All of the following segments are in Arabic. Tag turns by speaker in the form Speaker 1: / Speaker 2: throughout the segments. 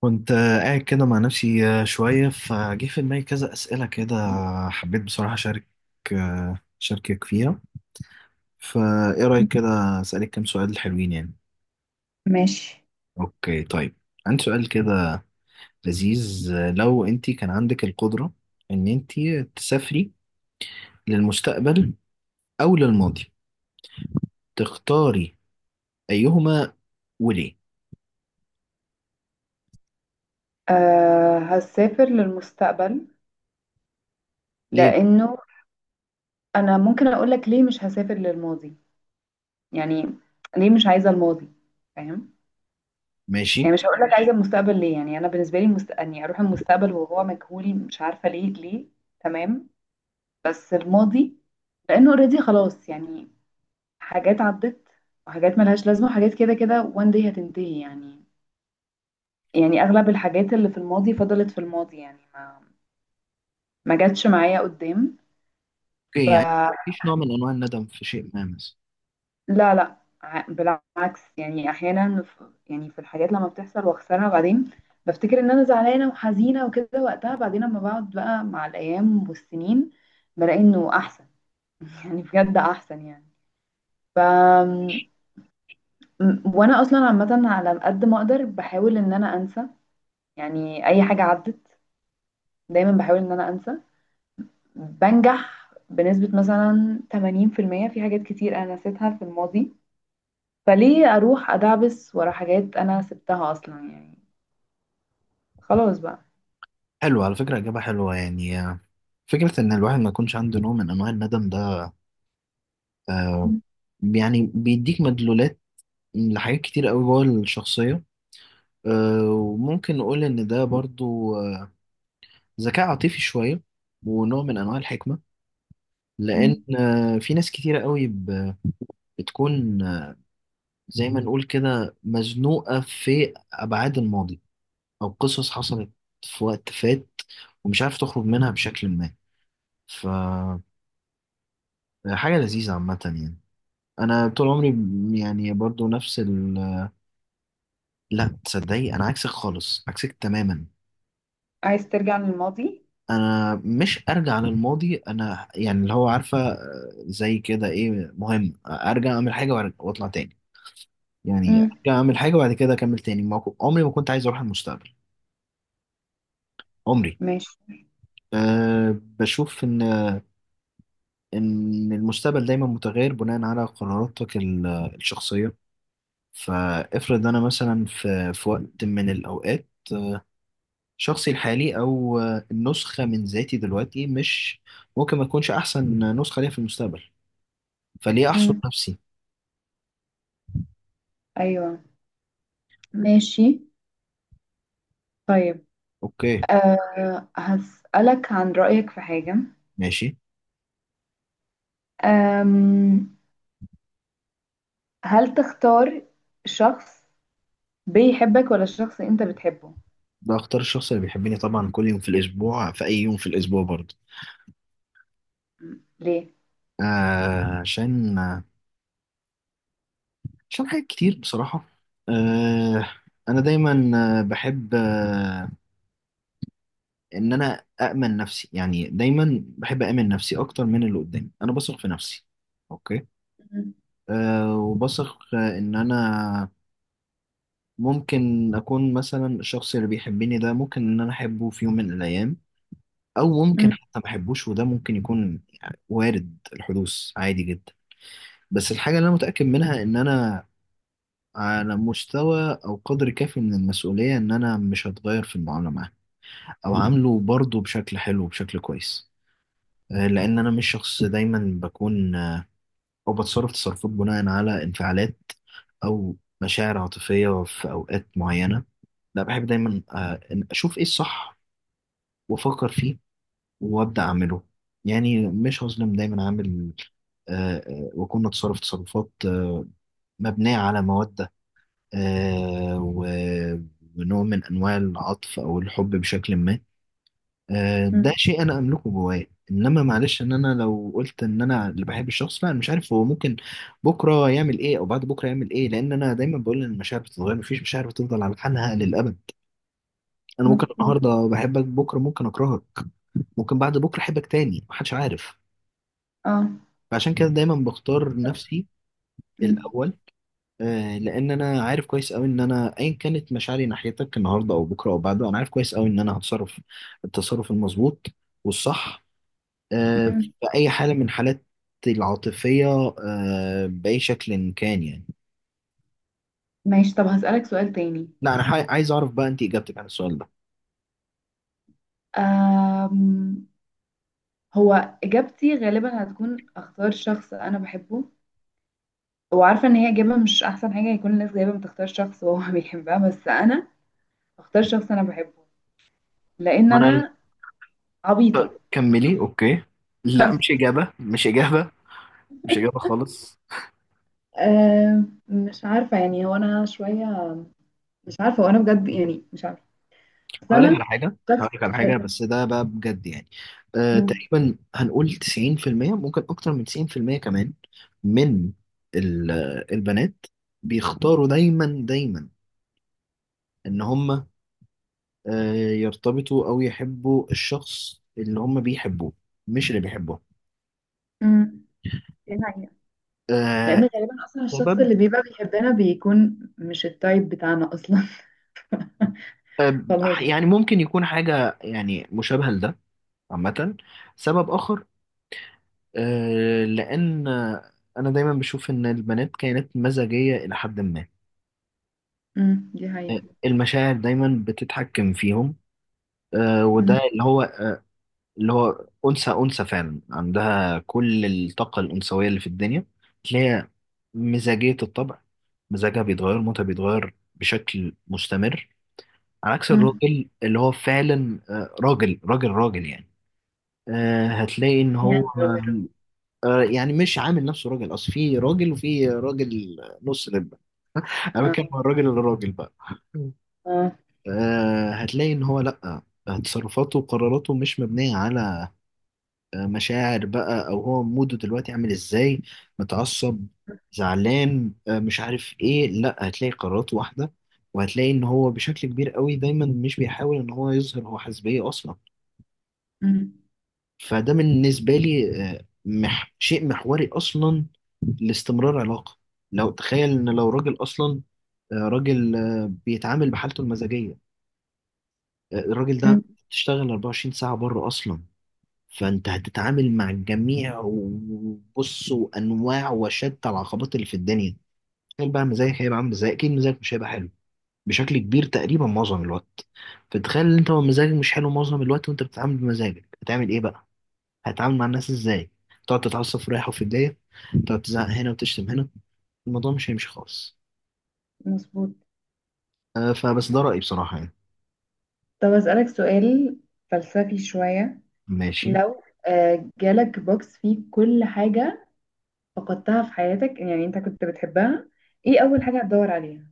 Speaker 1: كنت قاعد كده مع نفسي، شوية فجه في دماغي كذا أسئلة كده. حبيت بصراحة أشارك، أشاركك فيها. فإيه رأيك كده؟ أسألك كام سؤال حلوين يعني.
Speaker 2: ماشي.
Speaker 1: أوكي طيب، عندي سؤال كده لذيذ. لو أنت كان عندك القدرة إن أنت تسافري للمستقبل أو للماضي، تختاري أيهما وليه؟
Speaker 2: هسافر للمستقبل
Speaker 1: ليه؟
Speaker 2: لأنه أنا ممكن أقولك ليه مش هسافر للماضي. يعني ليه مش عايزة الماضي، فاهم؟ يعني
Speaker 1: ماشي.
Speaker 2: مش هقولك عايزة المستقبل ليه، يعني أنا بالنسبة لي أني أروح المستقبل وهو مجهول مش عارفة ليه. تمام. بس الماضي لأنه اوريدي خلاص يعني. حاجات عدت وحاجات ملهاش لازمة وحاجات كده كده وان داي هتنتهي يعني. يعني أغلب الحاجات اللي في الماضي فضلت في الماضي، يعني ما جاتش معايا قدام.
Speaker 1: أوكي يعني مفيش نوع من أنواع الندم في شيء ما مثلا؟
Speaker 2: لا لا، بالعكس، يعني احيانا يعني في الحاجات لما بتحصل واخسرها بعدين بفتكر ان انا زعلانه وحزينه وكده وقتها، بعدين لما بقعد بقى مع الايام والسنين بلاقي انه احسن. يعني بجد احسن يعني. ف وانا اصلا عامه على قد ما اقدر بحاول ان انا انسى، يعني اي حاجه عدت دايما بحاول ان انا انسى. بنجح بنسبه مثلا 80% في المية في حاجات كتير انا نسيتها في الماضي. فليه اروح ادعبس ورا حاجات انا سبتها اصلا يعني؟ خلاص بقى.
Speaker 1: حلو على فكرة، إجابة حلوة يعني. فكرة إن الواحد ما يكونش عنده نوع من أنواع الندم ده، آه،
Speaker 2: مم.
Speaker 1: يعني بيديك مدلولات لحاجات كتير قوي جوه الشخصية. وممكن نقول إن ده برضو ذكاء عاطفي شوية، ونوع من أنواع الحكمة. لأن
Speaker 2: مم.
Speaker 1: في ناس كتيرة قوي بتكون زي ما نقول كده مزنوقة في أبعاد الماضي، أو قصص حصلت في وقت فات، ومش عارف تخرج منها بشكل ما. فحاجة لذيذة عامة يعني. انا طول عمري يعني برضو نفس لا تصدقي، انا عكسك خالص، عكسك تماما.
Speaker 2: عايز ترجع للماضي؟
Speaker 1: انا مش ارجع للماضي، انا يعني اللي هو عارفه، زي كده ايه، مهم ارجع اعمل حاجه واطلع تاني. يعني
Speaker 2: مم.
Speaker 1: ارجع اعمل حاجه وبعد كده اكمل تاني. ما كو- عمري ما كنت عايز اروح المستقبل. عمري.
Speaker 2: ماشي.
Speaker 1: أه بشوف ان المستقبل دايما متغير بناء على قراراتك الشخصيه. فافرض انا مثلا في وقت من الاوقات، شخصي الحالي او النسخه من ذاتي دلوقتي مش ممكن ما تكونش احسن نسخه ليا في المستقبل. فليه احصر
Speaker 2: مم.
Speaker 1: نفسي.
Speaker 2: ايوه. ماشي. طيب،
Speaker 1: اوكي.
Speaker 2: هسألك عن رأيك في حاجة.
Speaker 1: ماشي.
Speaker 2: أم هل تختار شخص بيحبك ولا شخص انت بتحبه؟
Speaker 1: ده اختار الشخص اللي بيحبني طبعا كل يوم في الاسبوع، في اي يوم في الاسبوع برضه.
Speaker 2: ليه؟
Speaker 1: آه عشان عشان حاجات كتير بصراحه. آه انا دايما، بحب ان انا اامن نفسي، يعني دايما بحب اامن نفسي اكتر من اللي قدامي، انا بثق في نفسي. اوكي.
Speaker 2: مم.
Speaker 1: وبثق ان انا ممكن أكون مثلا الشخص اللي بيحبني ده ممكن إن أنا أحبه في يوم من الأيام، أو ممكن
Speaker 2: مم.
Speaker 1: حتى ما أحبوش، وده ممكن يكون وارد الحدوث عادي جدا. بس الحاجة اللي أنا متأكد منها إن أنا على مستوى أو قدر كافي من المسؤولية، إن أنا مش هتغير في المعاملة معاه، أو عامله برضه بشكل حلو وبشكل كويس. لأن أنا مش شخص دايما بكون أو بتصرف تصرفات بناء على انفعالات، أو مشاعر عاطفية في أوقات معينة. لا، بحب دايما إن أشوف إيه الصح وأفكر فيه وأبدأ أعمله. يعني مش هظلم دايما. عامل وأكون أتصرف تصرفات مبنية على مودة آه، و- ونوع من أنواع العطف أو الحب بشكل ما. ده
Speaker 2: مم.
Speaker 1: شيء انا املكه جوايا. انما معلش، ان انا لو قلت ان انا اللي بحب الشخص، لا أنا مش عارف هو ممكن بكره يعمل ايه او بعد بكره يعمل ايه. لان انا دايما بقول ان المشاعر بتتغير، مفيش مشاعر بتفضل على حالها للابد. انا ممكن
Speaker 2: مظبوط.
Speaker 1: النهارده بحبك، بكره ممكن اكرهك، ممكن بعد بكره احبك تاني. محدش عارف.
Speaker 2: اه.
Speaker 1: فعشان كده دايما بختار
Speaker 2: طب-
Speaker 1: نفسي
Speaker 2: مم.
Speaker 1: الاول. لان انا عارف كويس قوي ان انا ايا كانت مشاعري ناحيتك النهارده او بكره او بعده، انا عارف كويس قوي ان انا هتصرف التصرف المظبوط والصح، في
Speaker 2: مم.
Speaker 1: أي حالة من حالات العاطفية، بأي شكل إن كان يعني.
Speaker 2: ماشي. طب هسألك سؤال تاني.
Speaker 1: لا، عايز أعرف بقى أنت إجابتك عن السؤال ده.
Speaker 2: أم هو اجابتي غالبا هتكون اختار شخص انا بحبه، وعارفه ان هي اجابه مش احسن حاجه. يكون الناس جايبه بتختار شخص وهو بيحبها، بس انا اختار شخص انا بحبه. لان
Speaker 1: وأنا عايز
Speaker 2: انا عبيطه.
Speaker 1: كملي. أوكي. لا، مش إجابة، مش إجابة، مش إجابة خالص.
Speaker 2: مش عارفه، يعني هو انا شويه مش عارفه، وانا بجد يعني مش عارفه، بس
Speaker 1: هقول لك على
Speaker 2: انا
Speaker 1: حاجة، هقول لك على
Speaker 2: شخص.
Speaker 1: حاجة، بس ده بقى بجد يعني.
Speaker 2: مم.
Speaker 1: تقريبا هنقول 90% ممكن أكتر من 90% كمان، من ال- البنات بيختاروا دايما دايما إن هم يرتبطوا أو يحبوا الشخص اللي هم بيحبوه، مش اللي بيحبوه.
Speaker 2: مم. دي حقيقة.
Speaker 1: آه،
Speaker 2: لان غالبا اصلا الشخص
Speaker 1: سبب
Speaker 2: اللي بيبقى بيحبنا بيكون مش التايب بتاعنا اصلا.
Speaker 1: آه،
Speaker 2: خلاص.
Speaker 1: يعني ممكن يكون حاجة يعني مشابهة لده عامة. سبب آخر، لأن أنا دايما بشوف إن البنات كائنات مزاجية إلى حد ما.
Speaker 2: مم. دي حقيقة.
Speaker 1: المشاعر دايما بتتحكم فيهم. وده
Speaker 2: مم.
Speaker 1: اللي هو أنثى أنثى فعلا، عندها كل الطاقة الأنثوية اللي في الدنيا. تلاقي مزاجية الطبع، مزاجها بيتغير، موتها بيتغير بشكل مستمر. على عكس
Speaker 2: مم.
Speaker 1: الراجل اللي هو فعلا راجل راجل راجل يعني. هتلاقي إن هو
Speaker 2: يعني راجل.
Speaker 1: يعني مش عامل نفسه راجل، أصل في راجل وفي راجل. نص لب. أنا بتكلم
Speaker 2: اه
Speaker 1: عن الراجل الراجل بقى.
Speaker 2: اه.
Speaker 1: هتلاقي إن هو لأ، تصرفاته وقراراته مش مبنية على مشاعر بقى، او هو موده دلوقتي عامل ازاي، متعصب، زعلان، مش عارف ايه، لا هتلاقي قرارات واحده. وهتلاقي ان هو بشكل كبير قوي دايما مش بيحاول ان هو يظهر هو حزبيه اصلا.
Speaker 2: مم.
Speaker 1: فده بالنسبه لي آه، مح شيء محوري اصلا لاستمرار علاقه. لو تخيل ان لو راجل اصلا راجل بيتعامل بحالته المزاجيه، الراجل
Speaker 2: مم.
Speaker 1: ده تشتغل 24 ساعه بره اصلا، فانت هتتعامل مع الجميع وبص وانواع وشتى العقبات اللي في الدنيا. تخيل بقى مزاجك هيبقى عامل ازاي، اكيد مزاجك مش هيبقى حلو بشكل كبير تقريبا معظم الوقت. فتخيل ان انت مزاجك مش حلو معظم الوقت وانت بتتعامل بمزاجك، هتعمل ايه بقى؟ هتتعامل مع الناس ازاي؟ تقعد تتعصب في رايح وفي جايه، تقعد تزعق هنا وتشتم هنا. الموضوع مش هيمشي خالص.
Speaker 2: مظبوط.
Speaker 1: فبس ده رأيي بصراحة يعني.
Speaker 2: طب أسألك سؤال فلسفي شوية.
Speaker 1: ماشي.
Speaker 2: لو جالك بوكس فيه كل حاجة فقدتها في حياتك يعني انت كنت بتحبها، ايه أول حاجة هتدور عليها؟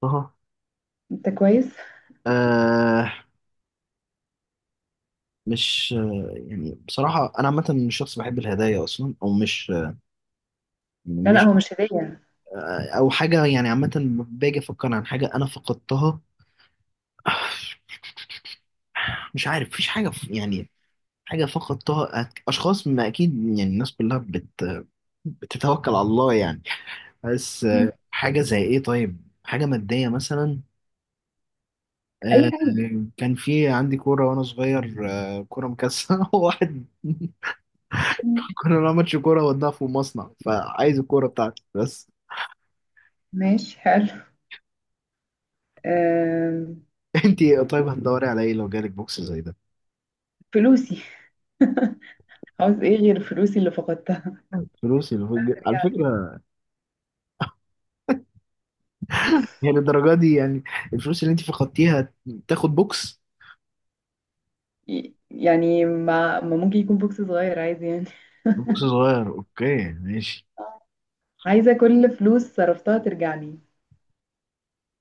Speaker 1: طه.
Speaker 2: انت كويس؟
Speaker 1: آه مش آه يعني بصراحة أنا عامة مش شخص بحب الهدايا أصلا، أو مش
Speaker 2: لا لا،
Speaker 1: مش
Speaker 2: هو مش هدية.
Speaker 1: او حاجه يعني عامه. باجي افكر عن حاجه انا فقدتها، مش عارف مفيش حاجه يعني. حاجه فقدتها، اشخاص ما اكيد يعني الناس كلها بتتوكل على الله يعني. بس
Speaker 2: مم.
Speaker 1: حاجه زي ايه طيب، حاجه ماديه مثلا. آه،
Speaker 2: أي حاجة.
Speaker 1: كان في عندي كوره وانا صغير، كوره مكسره. واحد
Speaker 2: مم.
Speaker 1: كنا بنلعب ماتش كوره وداها في المصنع، فعايز الكوره بتاعتي بس.
Speaker 2: ماشي حلو. آم،
Speaker 1: انتي طيب هتدوري على ايه لو جالك بوكس زي ده؟
Speaker 2: فلوسي. عاوز ايه غير فلوسي اللي فقدتها؟
Speaker 1: فلوسي. على
Speaker 2: رجعت.
Speaker 1: فكره، هي للدرجة دي يعني الفلوس اللي انت فقدتيها تاخد بوكس؟
Speaker 2: يعني ما ممكن يكون بوكس صغير عايز يعني.
Speaker 1: بوكس صغير. اوكي ماشي.
Speaker 2: عايزة كل فلوس صرفتها ترجع لي.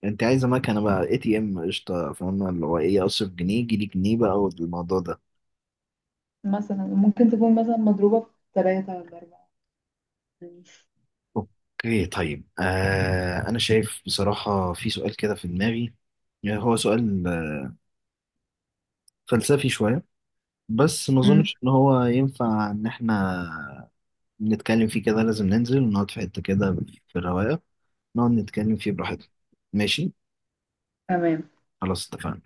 Speaker 1: انت عايزة مكنة بقى ATM، قشطة، فاهمة اللي هو ايه، اصرف جنيه يجي لي جنيه بقى والموضوع ده.
Speaker 2: مثلا ممكن تكون مثلا مضروبة في ثلاثة ولا أربعة. ماشي.
Speaker 1: اوكي طيب. انا شايف بصراحة في سؤال كده في دماغي يعني، هو سؤال فلسفي شوية، بس ما
Speaker 2: امم
Speaker 1: اظنش ان هو ينفع ان احنا نتكلم فيه كده، لازم ننزل ونقعد في حتة كده في الرواية نقعد نتكلم فيه براحتنا. ماشي؟
Speaker 2: تمام.
Speaker 1: خلاص، اتفقنا.